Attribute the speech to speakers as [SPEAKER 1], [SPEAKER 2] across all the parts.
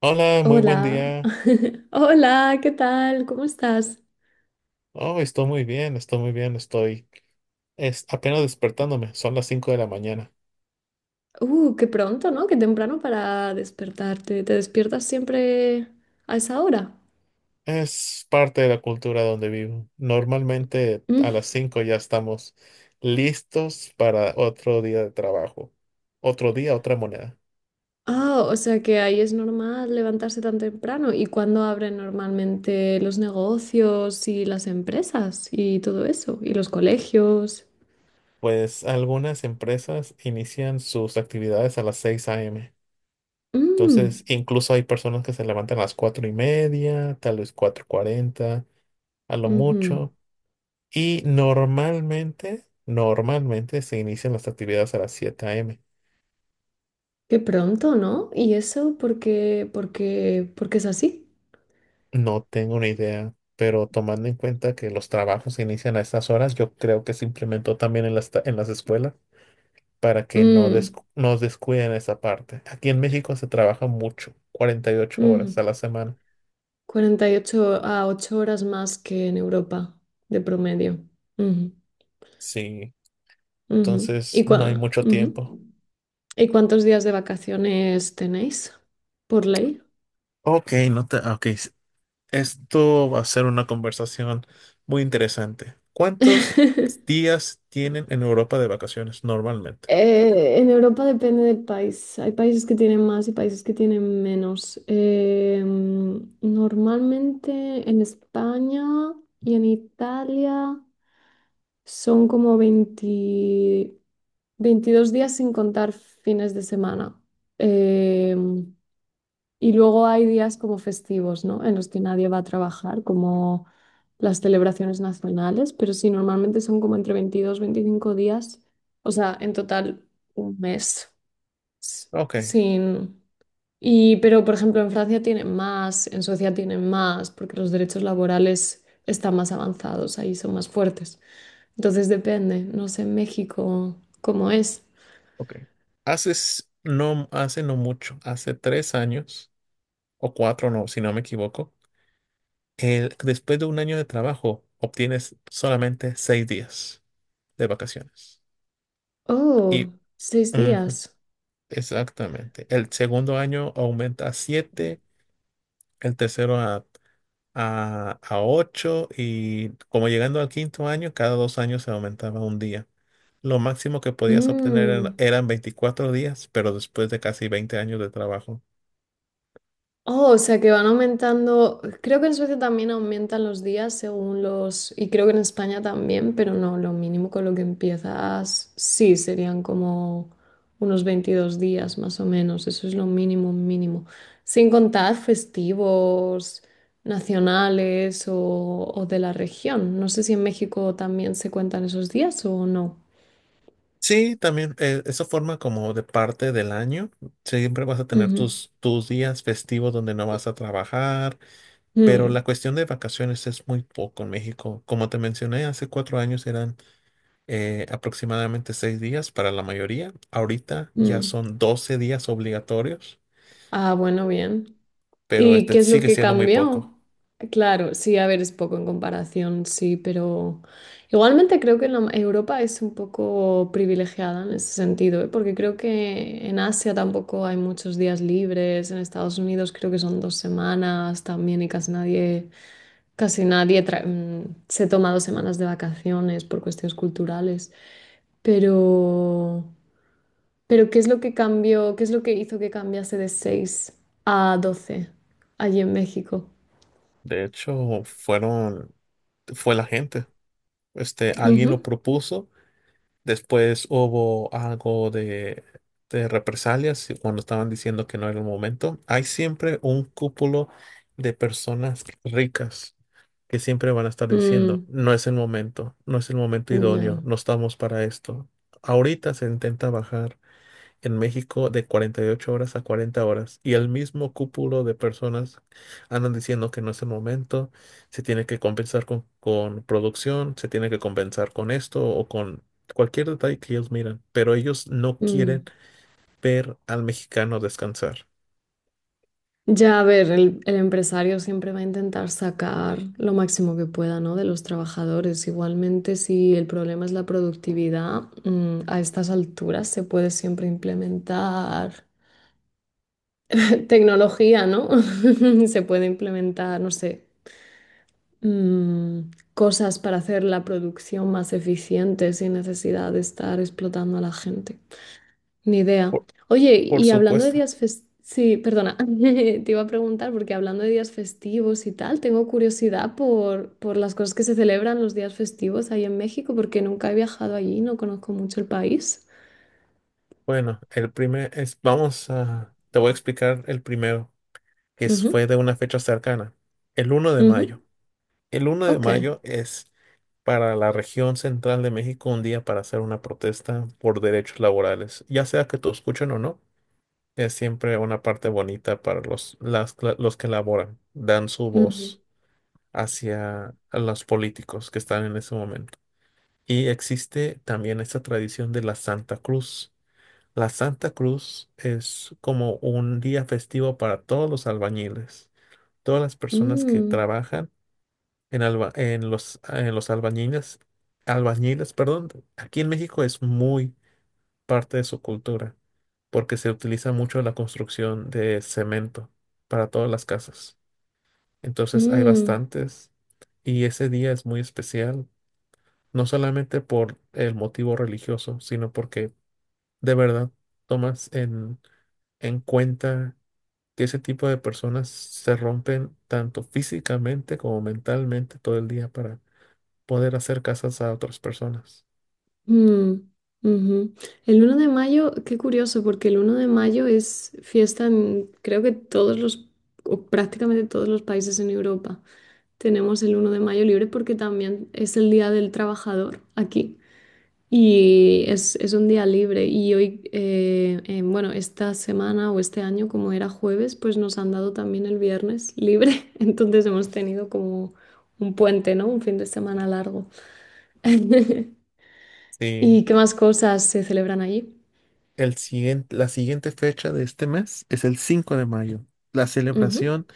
[SPEAKER 1] Hola, muy buen
[SPEAKER 2] Hola,
[SPEAKER 1] día.
[SPEAKER 2] hola, ¿qué tal? ¿Cómo estás?
[SPEAKER 1] Oh, estoy muy bien, estoy muy bien, estoy es apenas despertándome, son las 5 de la mañana.
[SPEAKER 2] Qué pronto, ¿no? Qué temprano para despertarte. ¿Te despiertas siempre a esa hora?
[SPEAKER 1] Es parte de la cultura donde vivo. Normalmente
[SPEAKER 2] Mm.
[SPEAKER 1] a las 5 ya estamos listos para otro día de trabajo. Otro día, otra moneda.
[SPEAKER 2] Ah, o sea que ahí es normal levantarse tan temprano. ¿Y cuándo abren normalmente los negocios y las empresas y todo eso? ¿Y los colegios?
[SPEAKER 1] Pues algunas empresas inician sus actividades a las 6 a.m.
[SPEAKER 2] Mm,
[SPEAKER 1] Entonces, incluso hay personas que se levantan a las 4 y media, tal vez cuatro cuarenta, a lo
[SPEAKER 2] ujú.
[SPEAKER 1] mucho. Y normalmente, normalmente se inician las actividades a las 7 m.
[SPEAKER 2] Qué pronto, ¿no? ¿Y eso porque es así?
[SPEAKER 1] No tengo una idea, pero tomando en cuenta que los trabajos se inician a estas horas, yo creo que se implementó también en las escuelas para que no
[SPEAKER 2] Mm,
[SPEAKER 1] descu- nos descuiden esa parte. Aquí en México se trabaja mucho, 48 horas
[SPEAKER 2] ujú.
[SPEAKER 1] a la semana.
[SPEAKER 2] 48 a 8 horas más que en Europa, de promedio. Ujú,
[SPEAKER 1] Sí,
[SPEAKER 2] ujú.
[SPEAKER 1] entonces no hay mucho
[SPEAKER 2] Ujú.
[SPEAKER 1] tiempo.
[SPEAKER 2] ¿Y cuántos días de vacaciones tenéis por ley?
[SPEAKER 1] Ok, no te, ok, esto va a ser una conversación muy interesante. ¿Cuántos días tienen en Europa de vacaciones normalmente?
[SPEAKER 2] En Europa depende del país. Hay países que tienen más y países que tienen menos. Normalmente en España y en Italia son como 20, 22 días sin contar fines de semana. Eh, y luego hay días como festivos, ¿no? En los que nadie va a trabajar, como las celebraciones nacionales, pero sí, normalmente son como entre 22 a 25 días, o sea, en total un mes s-
[SPEAKER 1] Ok,
[SPEAKER 2] sin. Y, pero, por ejemplo, en Francia tienen más, en Suecia tienen más, porque los derechos laborales están más avanzados, ahí son más fuertes. Entonces depende, no sé, en México, ¿cómo es?
[SPEAKER 1] ok. Hace, no, hace no mucho, hace 3 años o cuatro, no, si no me equivoco, después de un año de trabajo obtienes solamente 6 días de vacaciones. Y
[SPEAKER 2] Oh, 6 días.
[SPEAKER 1] ujú, exactamente, el segundo año aumenta a siete, el tercero a a 8 y como llegando al quinto año, cada 2 años se aumentaba un día. Lo máximo que podías obtener eran,
[SPEAKER 2] Mm.
[SPEAKER 1] eran 24 días, pero después de casi 20 años de trabajo.
[SPEAKER 2] Oh, o sea que van aumentando. Creo que en Suecia también aumentan los días según los. Y creo que en España también, pero no, lo mínimo con lo que empiezas, sí, serían como unos 22 días más o menos. Eso es lo mínimo, mínimo. Sin contar festivos nacionales o de la región. No sé si en México también se cuentan esos días o no.
[SPEAKER 1] Sí, también eso forma como de parte del año. Siempre vas a tener
[SPEAKER 2] Ujú.
[SPEAKER 1] tus días festivos donde no vas a trabajar, pero la
[SPEAKER 2] Mm,
[SPEAKER 1] cuestión de vacaciones es muy poco en México. Como te mencioné, hace 4 años eran aproximadamente 6 días para la mayoría. Ahorita ya
[SPEAKER 2] mm.
[SPEAKER 1] son 12 días obligatorios,
[SPEAKER 2] Ah, bueno, bien.
[SPEAKER 1] pero
[SPEAKER 2] ¿Y qué
[SPEAKER 1] este
[SPEAKER 2] es lo
[SPEAKER 1] sigue
[SPEAKER 2] que
[SPEAKER 1] siendo muy
[SPEAKER 2] cambió?
[SPEAKER 1] poco.
[SPEAKER 2] Claro, sí, a ver, es poco en comparación, sí, pero igualmente creo que la Europa es un poco privilegiada en ese sentido, ¿eh? Porque creo que en Asia tampoco hay muchos días libres, en Estados Unidos creo que son 2 semanas también y casi nadie, se toma 2 semanas de vacaciones por cuestiones culturales, pero... Pero ¿qué es lo que cambió? ¿Qué es lo que hizo que cambiase de 6 a 12 allí en México?
[SPEAKER 1] De hecho, fue la gente. Alguien lo
[SPEAKER 2] Ujú.
[SPEAKER 1] propuso. Después hubo algo de represalias y cuando estaban diciendo que no era el momento. Hay siempre un cúpulo de personas ricas que siempre van a estar diciendo,
[SPEAKER 2] Mm,
[SPEAKER 1] no es el momento, no es el momento idóneo,
[SPEAKER 2] no,
[SPEAKER 1] no estamos para esto. Ahorita se intenta bajar en México de 48 horas a 40 horas y el mismo cúpulo de personas andan diciendo que no es el momento, se tiene que compensar con producción, se tiene que compensar con esto o con cualquier detalle que ellos miran, pero ellos no
[SPEAKER 2] mm.
[SPEAKER 1] quieren ver al mexicano descansar.
[SPEAKER 2] Ya, a ver, el empresario siempre va a intentar sacar lo máximo que pueda, ¿no? De los trabajadores. Igualmente, si el problema es la productividad, a estas alturas se puede siempre implementar tecnología, ¿no? Se puede implementar, no sé. mm, Cosas para hacer la producción más eficiente sin necesidad de estar explotando a la gente. Ni idea.
[SPEAKER 1] Por,
[SPEAKER 2] Oye,
[SPEAKER 1] por
[SPEAKER 2] y hablando de
[SPEAKER 1] supuesto.
[SPEAKER 2] días festivos, sí, perdona, te iba a preguntar porque hablando de días festivos y tal, tengo curiosidad por las cosas que se celebran los días festivos ahí en México porque nunca he viajado allí, no conozco mucho el país.
[SPEAKER 1] Bueno, el primer es, vamos a, te voy a explicar el primero, que
[SPEAKER 2] Ujú,
[SPEAKER 1] fue de una fecha cercana, el uno de
[SPEAKER 2] ujú,
[SPEAKER 1] mayo. El uno de
[SPEAKER 2] ok.
[SPEAKER 1] mayo es para la región central de México un día para hacer una protesta por derechos laborales, ya sea que te escuchen o no. Es siempre una parte bonita para los que laboran, dan su
[SPEAKER 2] Ujú,
[SPEAKER 1] voz hacia los políticos que están en ese momento. Y existe también esta tradición de la Santa Cruz. La Santa Cruz es como un día festivo para todos los albañiles, todas las personas que
[SPEAKER 2] mm,
[SPEAKER 1] trabajan en los albañiles, perdón, aquí en México es muy parte de su cultura, porque se utiliza mucho la construcción de cemento para todas las casas. Entonces hay
[SPEAKER 2] mm.
[SPEAKER 1] bastantes y ese día es muy especial, no solamente por el motivo religioso, sino porque de verdad tomas en cuenta que ese tipo de personas se rompen tanto físicamente como mentalmente todo el día para poder hacer casas a otras personas.
[SPEAKER 2] Mm, ujú. El 1 de mayo, qué curioso, porque el 1 de mayo es fiesta en creo que todos los, o prácticamente todos los países en Europa. Tenemos el 1 de mayo libre porque también es el Día del Trabajador aquí. Y es un día libre. Y hoy, bueno, esta semana o este año, como era jueves, pues nos han dado también el viernes libre. Entonces hemos tenido como un puente, ¿no? Un fin de semana largo.
[SPEAKER 1] Sí,
[SPEAKER 2] ¿Y qué más cosas se celebran allí?
[SPEAKER 1] la siguiente fecha de este mes es el 5 de mayo, la
[SPEAKER 2] Ujú,
[SPEAKER 1] celebración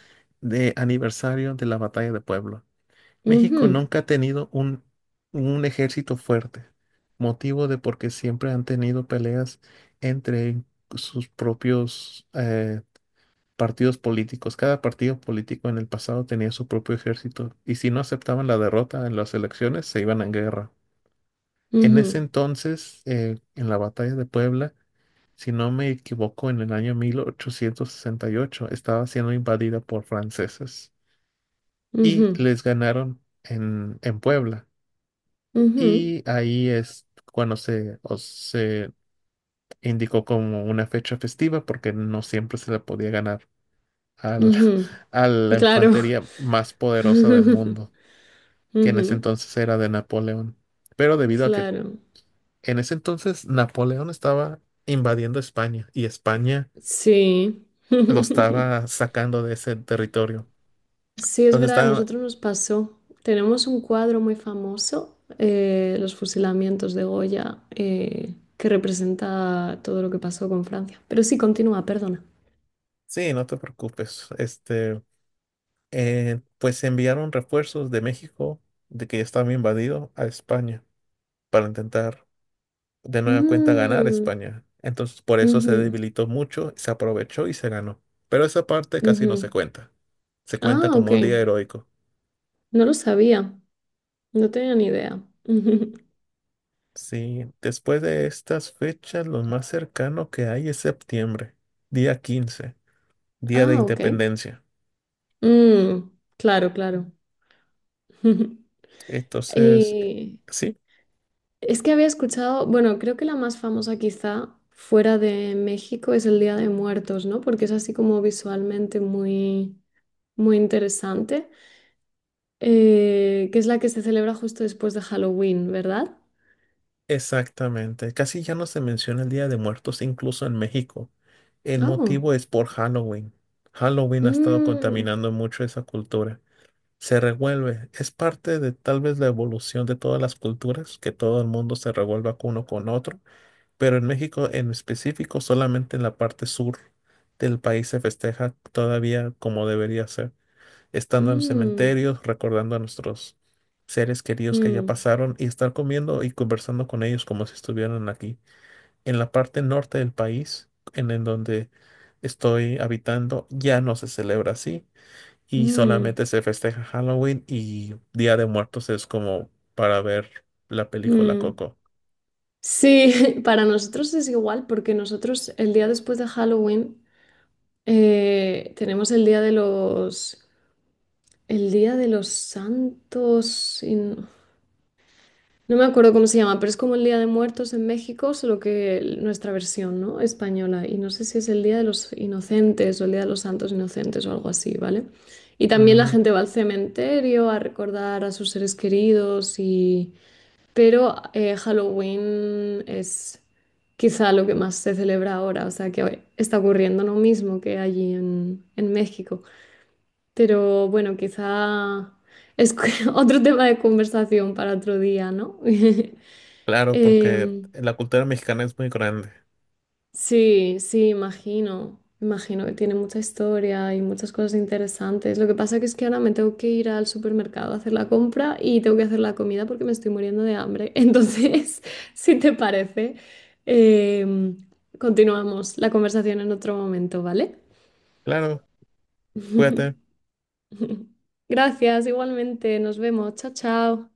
[SPEAKER 1] de aniversario de la Batalla de Puebla. México
[SPEAKER 2] ujú,
[SPEAKER 1] nunca ha tenido un ejército fuerte, motivo de porque siempre han tenido peleas entre sus propios partidos políticos. Cada partido político en el pasado tenía su propio ejército y si no aceptaban la derrota en las elecciones, se iban a guerra. En ese
[SPEAKER 2] ujú,
[SPEAKER 1] entonces, en la batalla de Puebla, si no me equivoco, en el año 1868 estaba siendo invadida por franceses y
[SPEAKER 2] ujú,
[SPEAKER 1] les ganaron en Puebla.
[SPEAKER 2] ujú,
[SPEAKER 1] Y ahí es cuando se indicó como una fecha festiva porque no siempre se le podía ganar al-
[SPEAKER 2] ujú.
[SPEAKER 1] a la
[SPEAKER 2] Claro.
[SPEAKER 1] infantería más poderosa del mundo, que en ese
[SPEAKER 2] Ujú,
[SPEAKER 1] entonces era de Napoleón. Pero debido a que
[SPEAKER 2] claro.
[SPEAKER 1] en ese entonces Napoleón estaba invadiendo España y España
[SPEAKER 2] Sí.
[SPEAKER 1] lo estaba sacando de ese territorio.
[SPEAKER 2] Sí, es
[SPEAKER 1] Entonces
[SPEAKER 2] verdad, a
[SPEAKER 1] estaba,
[SPEAKER 2] nosotros nos pasó. Tenemos un cuadro muy famoso, Los fusilamientos de Goya, que representa todo lo que pasó con Francia. Pero sí, continúa, perdona.
[SPEAKER 1] sí, no te preocupes, pues enviaron refuerzos de México, de que ya estaba invadido, a España para intentar de nueva cuenta ganar
[SPEAKER 2] Mm,
[SPEAKER 1] España. Entonces por eso se
[SPEAKER 2] ujú,
[SPEAKER 1] debilitó mucho, se aprovechó y se ganó. Pero esa parte casi no se
[SPEAKER 2] ujú.
[SPEAKER 1] cuenta. Se cuenta
[SPEAKER 2] Ah, ok.
[SPEAKER 1] como un día heroico.
[SPEAKER 2] No lo sabía. No tenía ni idea.
[SPEAKER 1] Sí, después de estas fechas lo más cercano que hay es septiembre, día 15 día de
[SPEAKER 2] Ah, ok.
[SPEAKER 1] independencia.
[SPEAKER 2] Mm, claro, claro.
[SPEAKER 1] Entonces,
[SPEAKER 2] Eh,
[SPEAKER 1] sí,
[SPEAKER 2] es que había escuchado, bueno, creo que la más famosa quizá fuera de México es el Día de Muertos, ¿no? Porque es así como visualmente muy, muy interesante, que es la que se celebra justo después de Halloween, ¿verdad?
[SPEAKER 1] exactamente. Casi ya no se menciona el Día de Muertos incluso en México. El
[SPEAKER 2] Oh.
[SPEAKER 1] motivo es por Halloween. Halloween ha estado
[SPEAKER 2] Mm,
[SPEAKER 1] contaminando mucho esa cultura. Se revuelve. Es parte de tal vez la evolución de todas las culturas, que todo el mundo se revuelva con uno con otro, pero en México en específico, solamente en la parte sur del país se festeja todavía como debería ser, estando en los
[SPEAKER 2] mm,
[SPEAKER 1] cementerios, recordando a nuestros seres queridos que ya
[SPEAKER 2] mm,
[SPEAKER 1] pasaron y estar comiendo y conversando con ellos como si estuvieran aquí. En la parte norte del país, en donde estoy habitando, ya no se celebra así y
[SPEAKER 2] mm,
[SPEAKER 1] solamente se festeja Halloween y Día de Muertos es como para ver la película
[SPEAKER 2] mm.
[SPEAKER 1] Coco.
[SPEAKER 2] Sí, para nosotros es igual porque nosotros el día después de Halloween tenemos el día de los, el día de los santos y no, no me acuerdo cómo se llama, pero es como el Día de Muertos en México, solo que el nuestra versión, ¿no? Española. Y no sé si es el Día de los Inocentes o el Día de los Santos Inocentes o algo así, ¿vale? Y también la
[SPEAKER 1] Ujú.
[SPEAKER 2] gente va al cementerio a recordar a sus seres queridos y pero Halloween es quizá lo que más se celebra ahora, o sea que hoy está ocurriendo lo mismo que allí en México. Pero bueno, quizá es otro tema de conversación para otro día, ¿no?
[SPEAKER 1] Claro, porque
[SPEAKER 2] Em,
[SPEAKER 1] la cultura mexicana es muy grande.
[SPEAKER 2] Sí, sí, imagino. Imagino que tiene mucha historia y muchas cosas interesantes. Lo que pasa que es que ahora me tengo que ir al supermercado a hacer la compra y tengo que hacer la comida porque me estoy muriendo de hambre. Entonces, si te parece, em, continuamos la conversación en otro momento, ¿vale?
[SPEAKER 1] Claro, cuídate.
[SPEAKER 2] Gracias, igualmente. Nos vemos. Chao, chao.